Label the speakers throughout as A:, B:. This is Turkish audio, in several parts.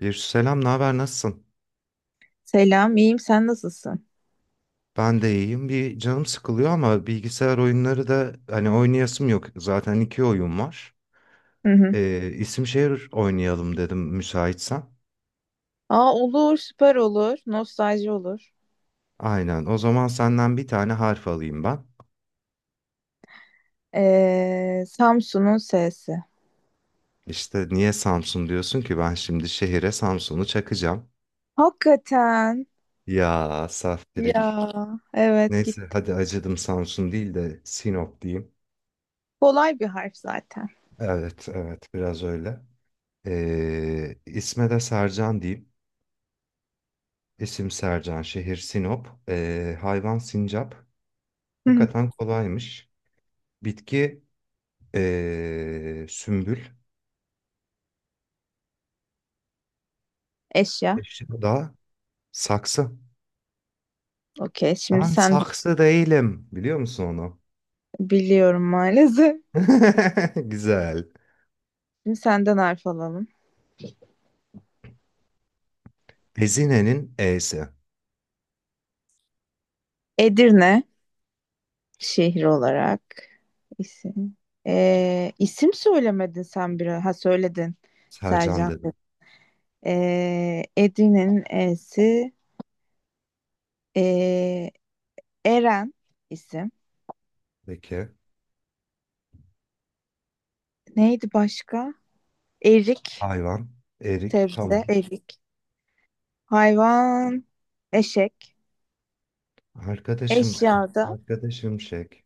A: Bir selam, ne haber, nasılsın?
B: Selam, iyiyim. Sen nasılsın?
A: Ben de iyiyim. Bir canım sıkılıyor ama bilgisayar oyunları da hani oynayasım yok. Zaten iki oyun var.
B: Hı hı.
A: İsim şehir oynayalım dedim müsaitsen.
B: Aa, olur, süper olur. Nostalji olur.
A: Aynen. O zaman senden bir tane harf alayım ben.
B: Samsun'un S'si.
A: İşte niye Samsun diyorsun ki ben şimdi şehire Samsun'u çakacağım.
B: Hakikaten.
A: Ya saftirik.
B: Ya, evet
A: Neyse
B: gitti.
A: hadi acıdım Samsun değil de Sinop diyeyim.
B: Kolay bir harf zaten.
A: Evet evet biraz öyle. İsme de Sercan diyeyim. İsim Sercan, şehir Sinop, hayvan sincap.
B: Hı hı.
A: Hakikaten kolaymış. Bitki sümbül,
B: Eşya.
A: eşya da saksı.
B: Okey. Şimdi
A: Ben
B: sen
A: saksı değilim, biliyor musun onu?
B: biliyorum maalesef.
A: Güzel.
B: Şimdi senden harf alalım.
A: Ezine'nin E'si.
B: Edirne şehir olarak isim. İsim söylemedin sen bir. Ha söyledin.
A: Sercan
B: Sercan.
A: dedim.
B: Edirne'nin E'si. Ee, Eren isim.
A: Peki.
B: Neydi başka? Erik,
A: Hayvan, erik,
B: sebze,
A: tamam.
B: erik. Hayvan, eşek.
A: Arkadaşım,
B: Eşyada,
A: arkadaşım şek.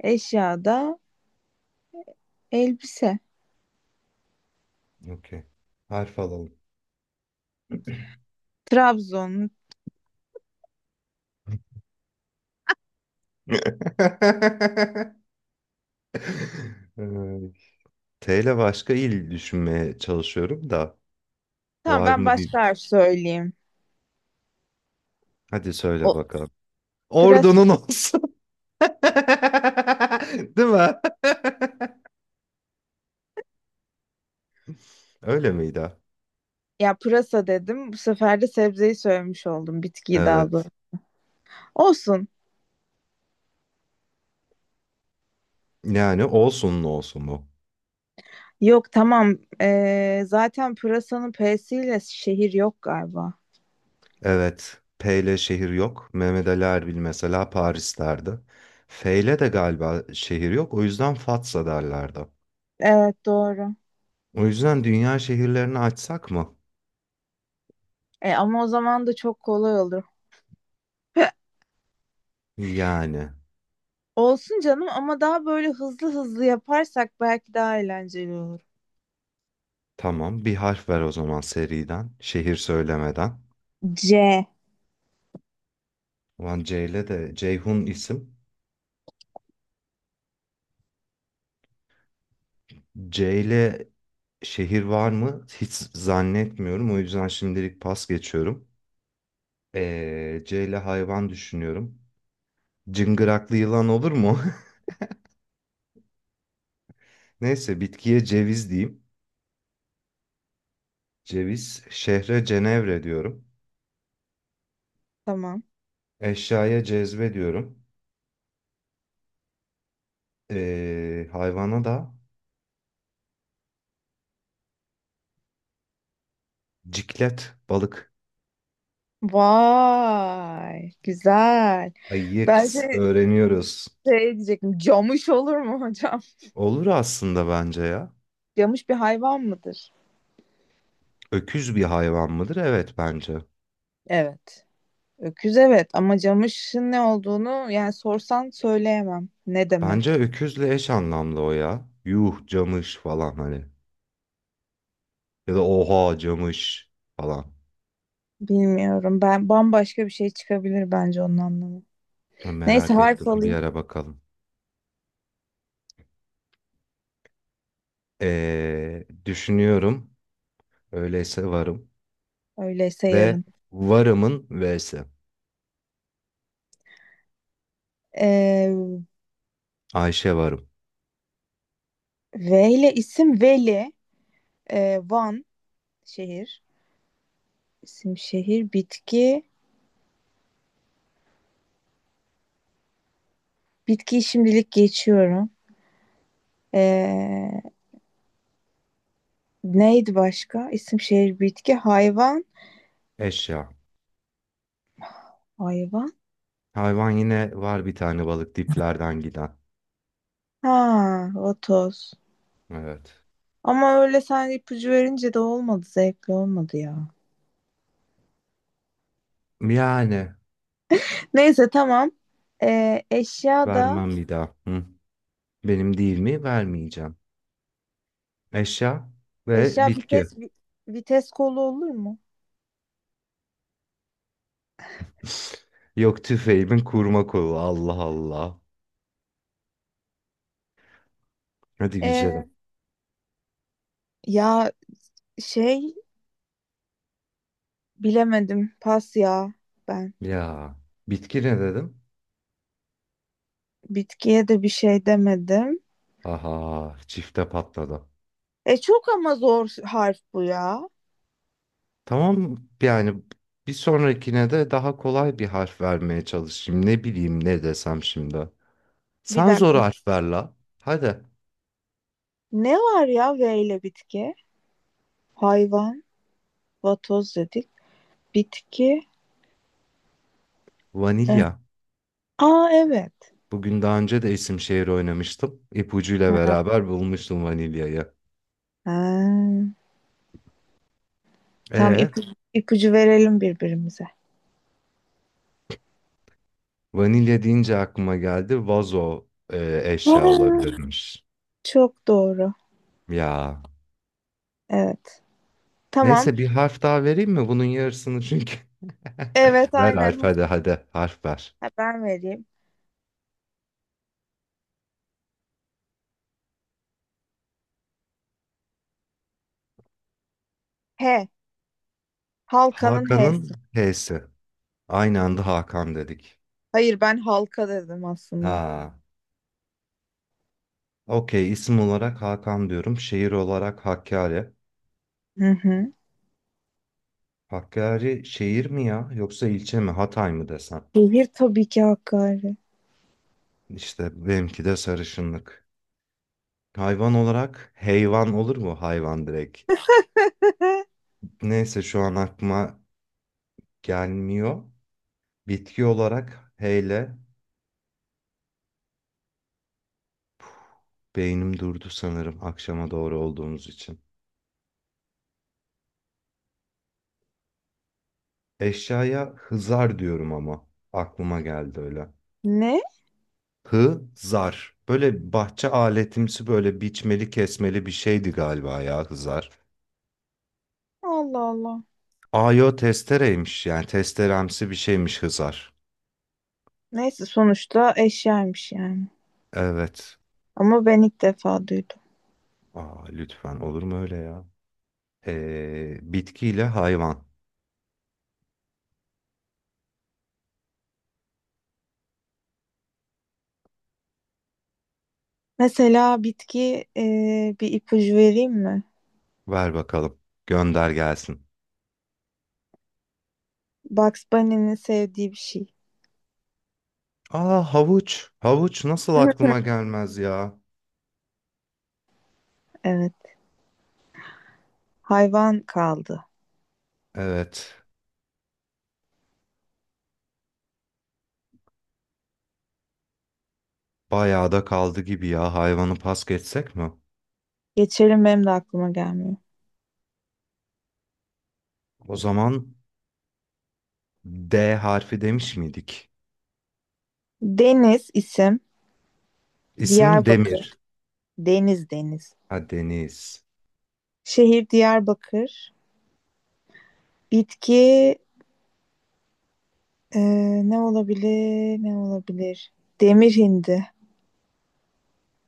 B: eşyada elbise.
A: Okey. Harf alalım.
B: Trabzon.
A: Ay. T ile başka il düşünmeye çalışıyorum da
B: Tamam
A: var
B: ben
A: mı bir...
B: başka harf söyleyeyim.
A: Hadi söyle
B: O
A: bakalım.
B: pırasa.
A: Ordunun olsun. Değil mi? Öyle miydi?
B: Ya pırasa dedim. Bu sefer de sebzeyi söylemiş oldum. Bitkiyi daha doğrusu.
A: Evet.
B: Olsun.
A: Yani olsun olsun bu.
B: Yok tamam. Zaten pırasanın P'siyle şehir yok galiba.
A: Evet. P ile şehir yok. Mehmet Ali Erbil mesela Paris'lerdi. F ile de galiba şehir yok. O yüzden Fatsa derlerdi.
B: Evet doğru.
A: O yüzden dünya şehirlerini açsak mı?
B: E, ama o zaman da çok kolay olur.
A: Yani.
B: Olsun canım ama daha böyle hızlı hızlı yaparsak belki daha eğlenceli olur.
A: Tamam. Bir harf ver o zaman seriden. Şehir söylemeden.
B: C.
A: Ulan Ceyle de Ceyhun isim. Ceyle şehir var mı? Hiç zannetmiyorum. O yüzden şimdilik pas geçiyorum. Ceyle hayvan düşünüyorum. Cıngıraklı yılan olur mu? Neyse bitkiye ceviz diyeyim. Ceviz. Şehre Cenevre diyorum.
B: Tamam.
A: Eşyaya cezve diyorum. Hayvana da ciklet balık.
B: Vay, güzel.
A: Ay
B: Ben
A: yeks
B: şey,
A: öğreniyoruz.
B: şey diyecektim. Camış olur mu hocam?
A: Olur aslında bence ya.
B: Camış bir hayvan mıdır?
A: Öküz bir hayvan mıdır? Evet bence.
B: Evet. Öküz evet ama camışın ne olduğunu yani sorsan söyleyemem. Ne
A: Bence
B: demek?
A: öküzle eş anlamlı o ya. Yuh camış falan hani. Ya da oha camış falan.
B: Bilmiyorum. Ben bambaşka bir şey çıkabilir bence onun anlamı. Neyse
A: Merak
B: harf
A: ettim. Bir
B: alayım.
A: ara bakalım. Düşünüyorum. Öyleyse varım.
B: Öyleyse
A: Ve
B: yarın.
A: varımın V'si.
B: Ee,
A: Ayşe varım.
B: V ile isim Veli. Van. Şehir. İsim şehir. Bitki. Bitkiyi şimdilik geçiyorum. Ee, Neydi başka? İsim şehir bitki. Hayvan.
A: Eşya.
B: Hayvan.
A: Hayvan yine var bir tane balık diplerden giden.
B: Ha, vatoz.
A: Evet.
B: Ama öyle sen ipucu verince de olmadı. Zevkli olmadı ya.
A: Yani
B: Neyse tamam. Eşya da
A: vermem bir daha. Hı. Benim değil mi? Vermeyeceğim. Eşya ve
B: eşya
A: bitki.
B: vites vi- vites kolu olur mu?
A: Yok tüfeğimin kurma kolu. Allah Allah. Hadi güzelim.
B: Ee, ya şey bilemedim. Pas ya ben.
A: Ya bitki ne dedim?
B: Bitkiye de bir şey demedim.
A: Aha çifte patladı.
B: E çok ama zor harf bu ya.
A: Tamam yani bir sonrakine de daha kolay bir harf vermeye çalışayım. Ne bileyim ne desem şimdi.
B: Bir
A: Sen zor
B: dakika.
A: harf ver la. Hadi
B: Ne var ya V ile bitki? Hayvan, vatoz dedik. Bitki. Eh,
A: vanilya.
B: aa evet.
A: Bugün daha önce de isim şehir oynamıştım. İpucuyla
B: Ha.
A: beraber bulmuştum vanilyayı.
B: Tam
A: E
B: ipucu verelim birbirimize.
A: vanilya deyince aklıma geldi vazo eşya
B: Aa,
A: olabilirmiş.
B: çok doğru.
A: Ya
B: Evet. Tamam.
A: neyse bir harf daha vereyim mi? Bunun yarısını çünkü.
B: Evet
A: Ver harf
B: aynen.
A: hadi hadi harf ver.
B: Ha, ben vereyim. H. Halkanın H'si.
A: Hakan'ın H'si. Aynı anda Hakan dedik.
B: Hayır ben halka dedim aslında.
A: Ha. Okey isim olarak Hakan diyorum. Şehir olarak Hakkari.
B: Hı hı.
A: Hakkari şehir mi ya yoksa ilçe mi Hatay mı desem?
B: Şehir tabii ki Hakkari.
A: İşte benimki de sarışınlık. Hayvan olarak heyvan olur mu hayvan direkt? Neyse şu an aklıma gelmiyor. Bitki olarak heyle beynim durdu sanırım akşama doğru olduğumuz için. Eşyaya hızar diyorum ama aklıma geldi öyle.
B: Ne?
A: Hızar. Böyle bahçe aletimsi böyle biçmeli kesmeli bir şeydi galiba ya hızar.
B: Allah Allah.
A: Ayo testereymiş yani testeremsi bir şeymiş hızar.
B: Neyse sonuçta eşyaymış yani.
A: Evet.
B: Ama ben ilk defa duydum.
A: Aa, lütfen olur mu öyle ya? Bitkiyle hayvan.
B: Mesela bitki bir ipucu vereyim mi?
A: Ver bakalım. Gönder gelsin.
B: Bugs Bunny'nin sevdiği bir şey.
A: Aa havuç. Havuç nasıl aklıma gelmez ya?
B: Evet. Hayvan kaldı.
A: Evet. Bayağı da kaldı gibi ya. Hayvanı pas geçsek mi?
B: Geçelim benim de aklıma gelmiyor.
A: O zaman D harfi demiş miydik?
B: Deniz isim.
A: İsim
B: Diyarbakır.
A: Demir.
B: Deniz deniz.
A: Ha Deniz.
B: Şehir Diyarbakır. Bitki e, ne olabilir? Ne olabilir? Demir hindi.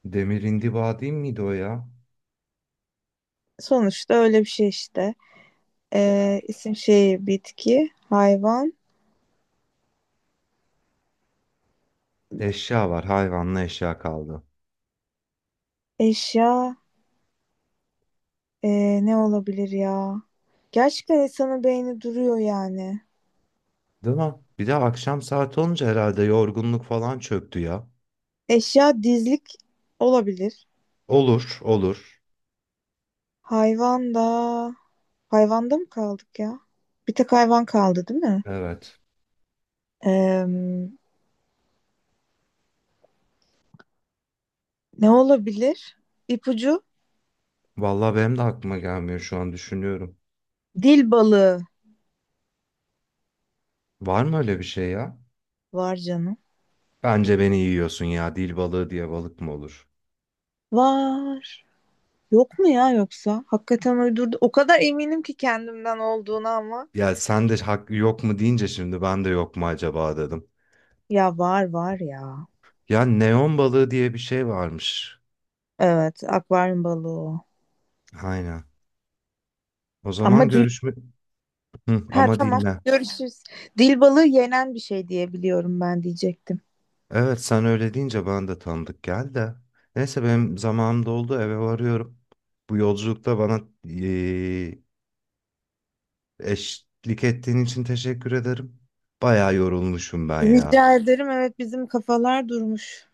A: Demir indiba değil miydi o ya?
B: Sonuçta öyle bir şey işte.
A: Ya.
B: E, isim şehir bitki. Hayvan.
A: Eşya var. Hayvanla eşya kaldı.
B: Eşya. Ne olabilir ya? Gerçekten insanın beyni duruyor yani.
A: Değil mi? Bir de akşam saat olunca herhalde yorgunluk falan çöktü ya.
B: Eşya dizlik olabilir.
A: Olur, olur.
B: Hayvan da... Hayvanda mı kaldık ya? Bir tek hayvan kaldı değil mi?
A: Evet.
B: Ee, ne olabilir? İpucu?
A: Vallahi benim de aklıma gelmiyor şu an düşünüyorum.
B: Dil balığı
A: Var mı öyle bir şey ya?
B: var canım.
A: Bence beni yiyorsun ya. Dil balığı diye balık mı olur?
B: Var. Yok mu ya yoksa? Hakikaten uydurdu. O kadar eminim ki kendimden olduğuna ama.
A: Ya sen de hak yok mu deyince şimdi ben de yok mu acaba dedim.
B: Ya var var ya.
A: Ya neon balığı diye bir şey varmış.
B: Evet, akvaryum balığı o.
A: Aynen. O
B: Ama
A: zaman görüşme... Hı,
B: ha
A: ama
B: tamam.
A: dinle.
B: Görüşürüz. Dil balığı yenen bir şey diye biliyorum ben diyecektim.
A: Evet sen öyle deyince ben de tanıdık geldi de. Neyse benim zamanım doldu eve varıyorum. Bu yolculukta bana eşlik ettiğin için teşekkür ederim. Bayağı yorulmuşum ben ya.
B: Rica ederim. Evet bizim kafalar durmuş.